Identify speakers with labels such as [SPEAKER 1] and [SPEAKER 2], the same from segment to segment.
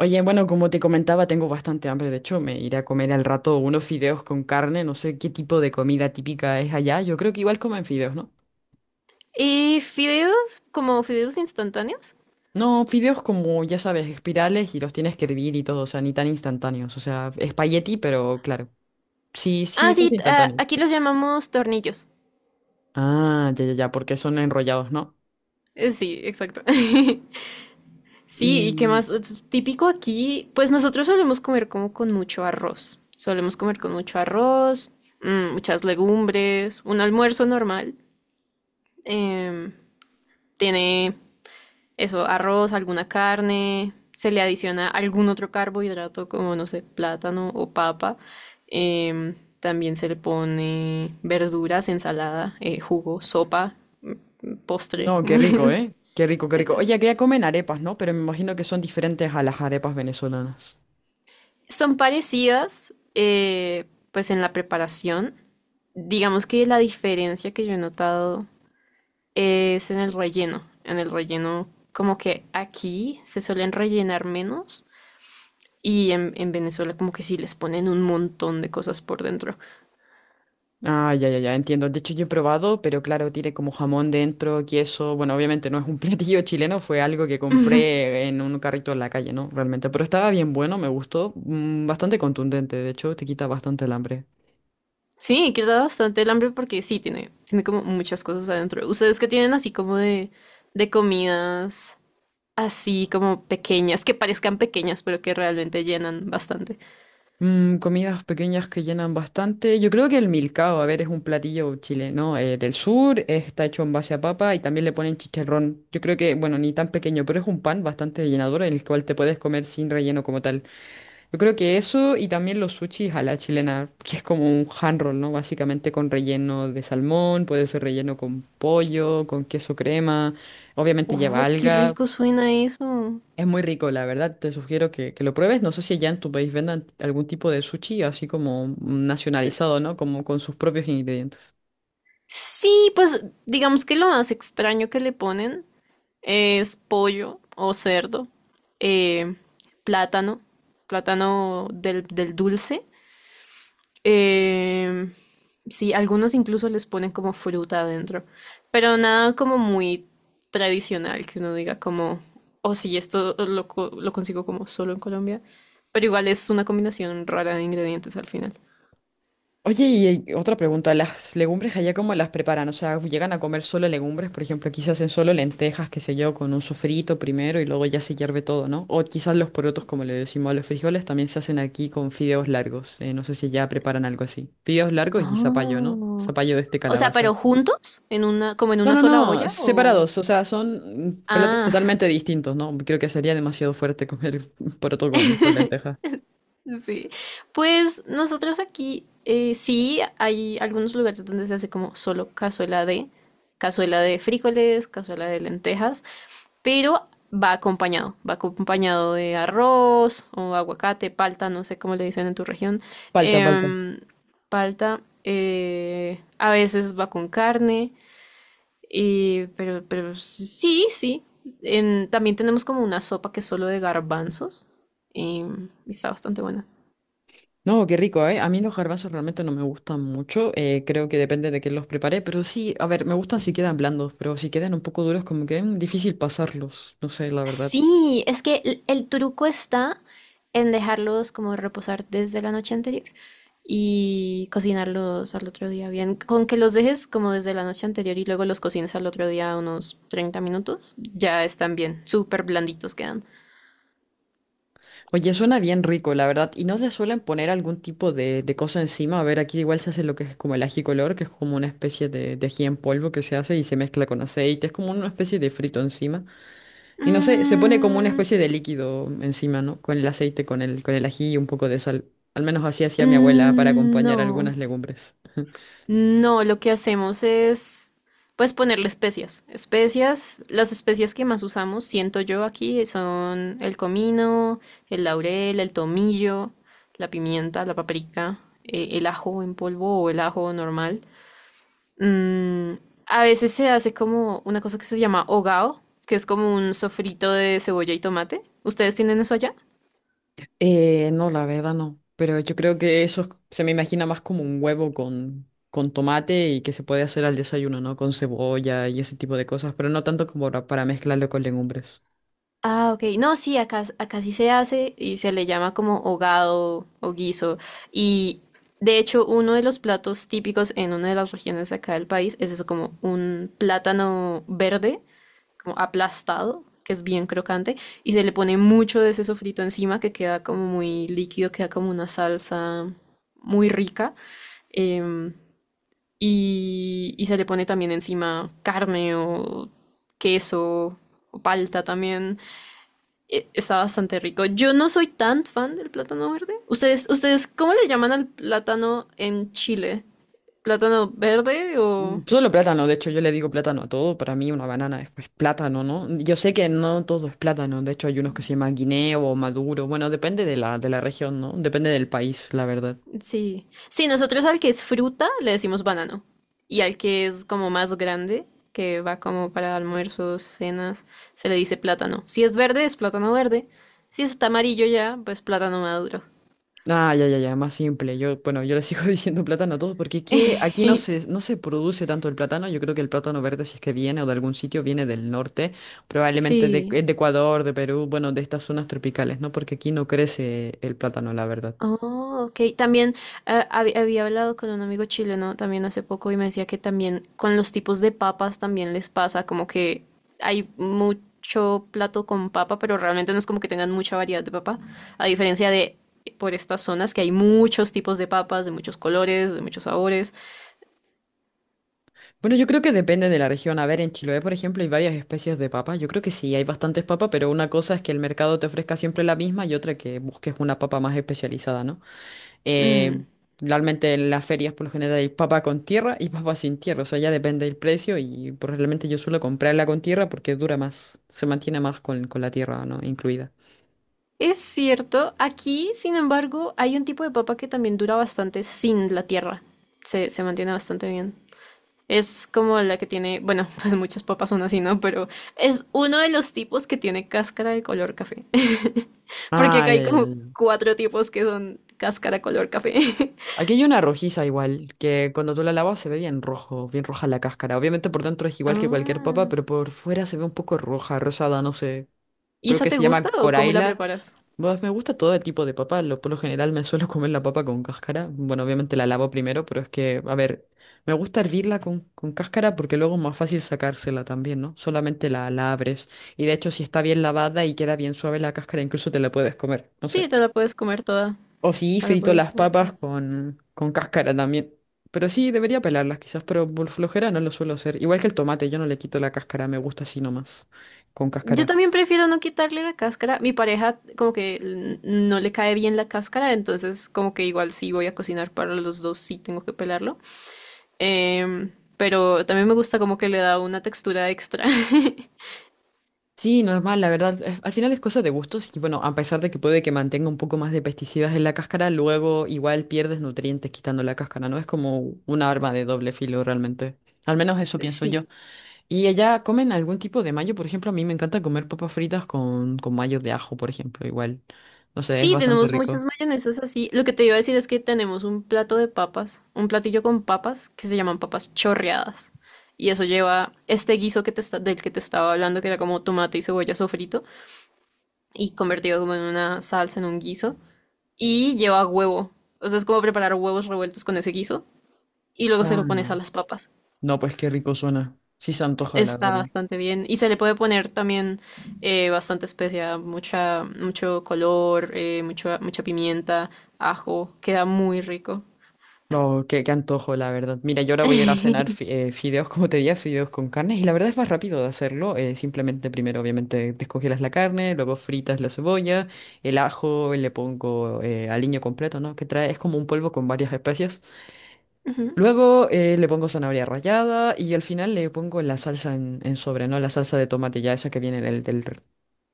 [SPEAKER 1] Oye, bueno, como te comentaba, tengo bastante hambre. De hecho, me iré a comer al rato unos fideos con carne. No sé qué tipo de comida típica es allá. Yo creo que igual comen fideos, ¿no?
[SPEAKER 2] ¿Y fideos? ¿Como fideos instantáneos?
[SPEAKER 1] No, fideos como, ya sabes, espirales y los tienes que hervir y todo, o sea, ni tan instantáneos. O sea, espagueti, pero claro. Sí,
[SPEAKER 2] Ah,
[SPEAKER 1] sí,
[SPEAKER 2] sí,
[SPEAKER 1] casi instantáneo.
[SPEAKER 2] aquí los llamamos tornillos.
[SPEAKER 1] Ah, ya, ya, ya, porque son enrollados, ¿no?
[SPEAKER 2] Sí, exacto. Sí, ¿y qué
[SPEAKER 1] Y
[SPEAKER 2] más? Típico aquí, pues nosotros solemos comer como con mucho arroz. Solemos comer con mucho arroz, muchas legumbres, un almuerzo normal. Em, tiene Eso, arroz, alguna carne, se le adiciona algún otro carbohidrato como, no sé, plátano o papa. También se le pone verduras, ensalada, jugo, sopa, postre.
[SPEAKER 1] no, qué rico,
[SPEAKER 2] Es-
[SPEAKER 1] ¿eh? Qué rico, qué rico.
[SPEAKER 2] es-
[SPEAKER 1] Oye, que ya comen arepas, ¿no? Pero me imagino que son diferentes a las arepas venezolanas.
[SPEAKER 2] Son parecidas, pues en la preparación. Digamos que la diferencia que yo he notado es en el relleno. En el relleno, como que aquí se suelen rellenar menos. Y en Venezuela como que sí les ponen un montón de cosas por dentro.
[SPEAKER 1] Ah, ya, ya, ya, entiendo. De hecho, yo he probado, pero claro, tiene como jamón dentro, queso. Bueno, obviamente no es un platillo chileno, fue algo que
[SPEAKER 2] Ujú.
[SPEAKER 1] compré en un carrito en la calle, ¿no? Realmente. Pero estaba bien bueno, me gustó. Bastante contundente, de hecho, te quita bastante el hambre.
[SPEAKER 2] Sí, quita bastante el hambre porque sí, tiene como muchas cosas adentro. ¿Ustedes que tienen así como de comidas así como pequeñas, que parezcan pequeñas, pero que realmente llenan bastante?
[SPEAKER 1] Mm, comidas pequeñas que llenan bastante. Yo creo que el milcao, a ver, es un platillo chileno del sur, está hecho en base a papa y también le ponen chicharrón. Yo creo que, bueno, ni tan pequeño, pero es un pan bastante llenador, en el cual te puedes comer sin relleno como tal. Yo creo que eso y también los sushis a la chilena, que es como un hand roll, ¿no? Básicamente con relleno de salmón, puede ser relleno con pollo, con queso crema, obviamente lleva
[SPEAKER 2] ¡Oh, qué
[SPEAKER 1] alga.
[SPEAKER 2] rico suena eso!
[SPEAKER 1] Es muy rico, la verdad, te sugiero que lo pruebes. No sé si allá en tu país vendan algún tipo de sushi así como nacionalizado, ¿no? Como con sus propios ingredientes.
[SPEAKER 2] Sí, pues digamos que lo más extraño que le ponen es pollo o cerdo, eh, plátano, plátano del dulce. Eh, sí, algunos incluso les ponen como fruta adentro, pero nada como muy tradicional que uno diga como, oh sí, esto lo consigo como solo en Colombia, pero igual es una combinación rara de ingredientes al final.
[SPEAKER 1] Oye, y otra pregunta, ¿las legumbres allá cómo las preparan? O sea, ¿llegan a comer solo legumbres? Por ejemplo, aquí se hacen solo lentejas, qué sé yo, con un sofrito primero y luego ya se hierve todo, ¿no? O quizás los porotos, como le decimos a los frijoles, también se hacen aquí con fideos largos. No sé si ya preparan algo así. Fideos largos y zapallo, ¿no?
[SPEAKER 2] Oh.
[SPEAKER 1] Zapallo de este
[SPEAKER 2] O sea, pero
[SPEAKER 1] calabaza.
[SPEAKER 2] juntos, como en
[SPEAKER 1] No,
[SPEAKER 2] una
[SPEAKER 1] no,
[SPEAKER 2] sola
[SPEAKER 1] no,
[SPEAKER 2] olla o...
[SPEAKER 1] separados, o sea, son platos
[SPEAKER 2] Ah.
[SPEAKER 1] totalmente distintos, ¿no? Creo que sería demasiado fuerte comer poroto con lenteja.
[SPEAKER 2] Sí, pues nosotros aquí sí hay algunos lugares donde se hace como solo cazuela de frijoles, cazuela de lentejas, pero va acompañado de arroz o aguacate, palta, no sé cómo le dicen en tu región,
[SPEAKER 1] Palta, palta.
[SPEAKER 2] em, palta, a veces va con carne, y, pero sí, sí, también tenemos como una sopa que es solo de garbanzos, y está bastante buena.
[SPEAKER 1] No, qué rico, ¿eh? A mí los garbanzos realmente no me gustan mucho, creo que depende de quién los prepare, pero sí, a ver, me gustan si quedan blandos, pero si quedan un poco duros como que difícil pasarlos, no sé, la verdad.
[SPEAKER 2] Sí, es que el truco está en dejarlos como reposar desde la noche anterior y cocinarlos al otro día bien. Con que los dejes como desde la noche anterior y luego los cocines al otro día unos 30 minutos, ya están bien, súper blanditos quedan.
[SPEAKER 1] Oye, suena bien rico, la verdad, y no le suelen poner algún tipo de cosa encima, a ver, aquí igual se hace lo que es como el ají color, que es como una especie de ají en polvo que se hace y se mezcla con aceite, es como una especie de frito encima, y no sé, se pone como una
[SPEAKER 2] Mm,
[SPEAKER 1] especie de líquido encima, ¿no? Con el aceite, con el ají y un poco de sal. Al menos así hacía mi abuela para
[SPEAKER 2] mm,
[SPEAKER 1] acompañar
[SPEAKER 2] no.
[SPEAKER 1] algunas legumbres.
[SPEAKER 2] No, lo que hacemos es, pues, ponerle especias. Especias, las especias que más usamos, siento yo aquí, son el comino, el laurel, el tomillo, la pimienta, la paprika, el ajo en polvo o el ajo normal. Mm, a veces se hace como una cosa que se llama hogao, que es como un sofrito de cebolla y tomate. ¿Ustedes tienen eso allá?
[SPEAKER 1] No, la verdad no. Pero yo creo que eso se me imagina más como un huevo con tomate y que se puede hacer al desayuno, ¿no? Con cebolla y ese tipo de cosas, pero no tanto como para mezclarlo con legumbres.
[SPEAKER 2] Ah, ok. No, sí, acá, acá sí se hace y se le llama como hogado o guiso. Y de hecho, uno de los platos típicos en una de las regiones de acá del país es eso, como un plátano verde, como aplastado, que es bien crocante, y se le pone mucho de ese sofrito encima que queda como muy líquido, queda como una salsa muy rica. em, y se le pone también encima carne o queso o palta también. Está bastante rico. Yo no soy tan fan del plátano verde. ¿Ustedes, cómo le llaman al plátano en Chile? ¿Plátano verde
[SPEAKER 1] Mm,
[SPEAKER 2] o...?
[SPEAKER 1] solo plátano, de hecho yo le digo plátano a todo, para mí una banana es pues, plátano, ¿no? Yo sé que no todo es plátano, de hecho hay unos que se llaman guineo o maduro, bueno, depende de de la región, ¿no? Depende del país, la verdad.
[SPEAKER 2] Sí. Sí, nosotros al que es fruta le decimos banano. Y al que es como más grande, que va como para almuerzos, cenas, se le dice plátano. Si es verde, es plátano verde. Si está amarillo ya, pues plátano maduro.
[SPEAKER 1] Ah, ya, ya, ya, más simple. Yo, bueno, yo le sigo diciendo plátano a todos porque aquí no no se produce tanto el plátano. Yo creo que el plátano verde, si es que viene o de algún sitio, viene del norte, probablemente
[SPEAKER 2] Sí.
[SPEAKER 1] de Ecuador, de Perú, bueno, de estas zonas tropicales, ¿no? Porque aquí no crece el plátano, la verdad.
[SPEAKER 2] Oh, ok. También había hablado con un amigo chileno también hace poco y me decía que también con los tipos de papas también les pasa, como que hay mucho plato con papa, pero realmente no es como que tengan mucha variedad de papa, a diferencia de por estas zonas que hay muchos tipos de papas, de muchos colores, de muchos sabores.
[SPEAKER 1] Bueno, yo creo que depende de la región. A ver, en Chiloé, por ejemplo, hay varias especies de papa. Yo creo que sí, hay bastantes papas, pero una cosa es que el mercado te ofrezca siempre la misma y otra que busques una papa más especializada, ¿no?
[SPEAKER 2] Mm,
[SPEAKER 1] Eh, Realmente en las ferias por lo general hay papa con tierra y papa sin tierra, o sea, ya depende del precio y pues, realmente yo suelo comprarla con tierra porque dura más, se mantiene más con la tierra, ¿no? Incluida.
[SPEAKER 2] Es cierto, aquí, sin embargo, hay un tipo de papa que también dura bastante sin la tierra. Se mantiene bastante bien. Es como la que tiene, bueno, pues muchas papas son así, ¿no? Pero es uno de los tipos que tiene cáscara de color café. Porque
[SPEAKER 1] Ah,
[SPEAKER 2] acá
[SPEAKER 1] ya,
[SPEAKER 2] hay
[SPEAKER 1] ya, ya.
[SPEAKER 2] como
[SPEAKER 1] Ya.
[SPEAKER 2] cuatro tipos que son cáscara color café.
[SPEAKER 1] Aquí hay una rojiza igual, que cuando tú la lavas se ve bien rojo, bien roja la cáscara. Obviamente por dentro es igual que cualquier papa,
[SPEAKER 2] Ah,
[SPEAKER 1] pero por fuera se ve un poco roja, rosada, no sé.
[SPEAKER 2] ¿y
[SPEAKER 1] Creo
[SPEAKER 2] esa
[SPEAKER 1] que
[SPEAKER 2] te
[SPEAKER 1] se
[SPEAKER 2] gusta
[SPEAKER 1] llama
[SPEAKER 2] o cómo la
[SPEAKER 1] coraila.
[SPEAKER 2] preparas?
[SPEAKER 1] Pues me gusta todo el tipo de papa. Lo, por lo general me suelo comer la papa con cáscara. Bueno, obviamente la lavo primero, pero es que, a ver, me gusta hervirla con cáscara porque luego es más fácil sacársela también, ¿no? Solamente la abres. Y de hecho, si está bien lavada y queda bien suave la cáscara, incluso te la puedes comer, no
[SPEAKER 2] Sí,
[SPEAKER 1] sé.
[SPEAKER 2] te la puedes comer toda.
[SPEAKER 1] O si
[SPEAKER 2] Te la
[SPEAKER 1] frito
[SPEAKER 2] puedes
[SPEAKER 1] las
[SPEAKER 2] comer
[SPEAKER 1] papas
[SPEAKER 2] toda.
[SPEAKER 1] con cáscara también. Pero sí, debería pelarlas quizás, pero por flojera no lo suelo hacer. Igual que el tomate, yo no le quito la cáscara, me gusta así nomás, con
[SPEAKER 2] Yo
[SPEAKER 1] cáscara.
[SPEAKER 2] también prefiero no quitarle la cáscara. Mi pareja como que no le cae bien la cáscara, entonces como que igual si voy a cocinar para los dos sí tengo que pelarlo. Em, pero también me gusta como que le da una textura extra.
[SPEAKER 1] Sí, normal, la verdad. Al final es cosa de gustos y bueno, a pesar de que puede que mantenga un poco más de pesticidas en la cáscara, luego igual pierdes nutrientes quitando la cáscara, ¿no? Es como una arma de doble filo realmente. Al menos eso pienso
[SPEAKER 2] Sí.
[SPEAKER 1] yo. ¿Y allá comen algún tipo de mayo? Por ejemplo, a mí me encanta comer papas fritas con mayo de ajo, por ejemplo, igual. No sé, es
[SPEAKER 2] Sí,
[SPEAKER 1] bastante
[SPEAKER 2] tenemos
[SPEAKER 1] rico.
[SPEAKER 2] muchas mayonesas así. Lo que te iba a decir es que tenemos un plato de papas, un platillo con papas que se llaman papas chorreadas. Y eso lleva este guiso que te del que te estaba hablando, que era como tomate y cebolla sofrito, y convertido como en una salsa, en un guiso. Y lleva huevo. O sea, es como preparar huevos revueltos con ese guiso. Y luego se
[SPEAKER 1] Ah,
[SPEAKER 2] lo pones a
[SPEAKER 1] no.
[SPEAKER 2] las papas.
[SPEAKER 1] No, pues qué rico suena. Sí se antoja, la
[SPEAKER 2] Está
[SPEAKER 1] verdad.
[SPEAKER 2] bastante bien. Y se le puede poner también bastante especia, mucho color, mucha pimienta, ajo. Queda muy rico.
[SPEAKER 1] No, qué, qué antojo, la verdad. Mira, yo ahora voy a ir a cenar fideos, como te decía fideos con carne, y la verdad es más rápido de hacerlo. Simplemente primero, obviamente, descongelas la carne, luego fritas la cebolla, el ajo, le pongo aliño completo, ¿no? Que trae, es como un polvo con varias especias.
[SPEAKER 2] Ujú.
[SPEAKER 1] Luego le pongo zanahoria rallada y al final le pongo la salsa en sobre, ¿no? La salsa de tomate ya esa que viene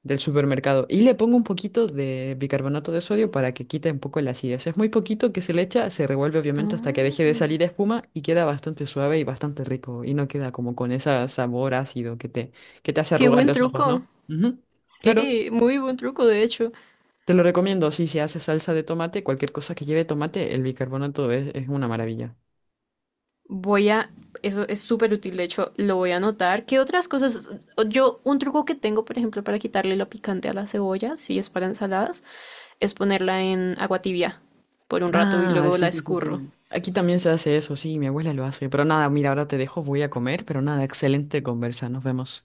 [SPEAKER 1] del supermercado. Y le pongo un poquito de bicarbonato de sodio para que quite un poco la acidez. Es muy poquito que se le echa, se revuelve obviamente hasta que deje de salir
[SPEAKER 2] Ah,
[SPEAKER 1] espuma y queda bastante suave y bastante rico. Y no queda como con ese sabor ácido que te hace
[SPEAKER 2] qué
[SPEAKER 1] arrugar
[SPEAKER 2] buen
[SPEAKER 1] los ojos,
[SPEAKER 2] truco.
[SPEAKER 1] ¿no? Ujú. Claro,
[SPEAKER 2] Sí, muy buen truco, de hecho.
[SPEAKER 1] te lo recomiendo. Si se hace salsa de tomate, cualquier cosa que lleve tomate, el bicarbonato es una maravilla.
[SPEAKER 2] Voy a, eso es súper útil, de hecho, lo voy a anotar. ¿Qué otras cosas? Yo, un truco que tengo, por ejemplo, para quitarle lo picante a la cebolla, si es para ensaladas, es ponerla en agua tibia por un rato y
[SPEAKER 1] Ah,
[SPEAKER 2] luego
[SPEAKER 1] sí,
[SPEAKER 2] la
[SPEAKER 1] sí, sí,
[SPEAKER 2] escurro.
[SPEAKER 1] sí. Aquí también se hace eso, sí, mi abuela lo hace. Pero nada, mira, ahora te dejo, voy a comer, pero nada, excelente conversa, nos vemos.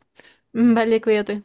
[SPEAKER 2] Vale, cuídate.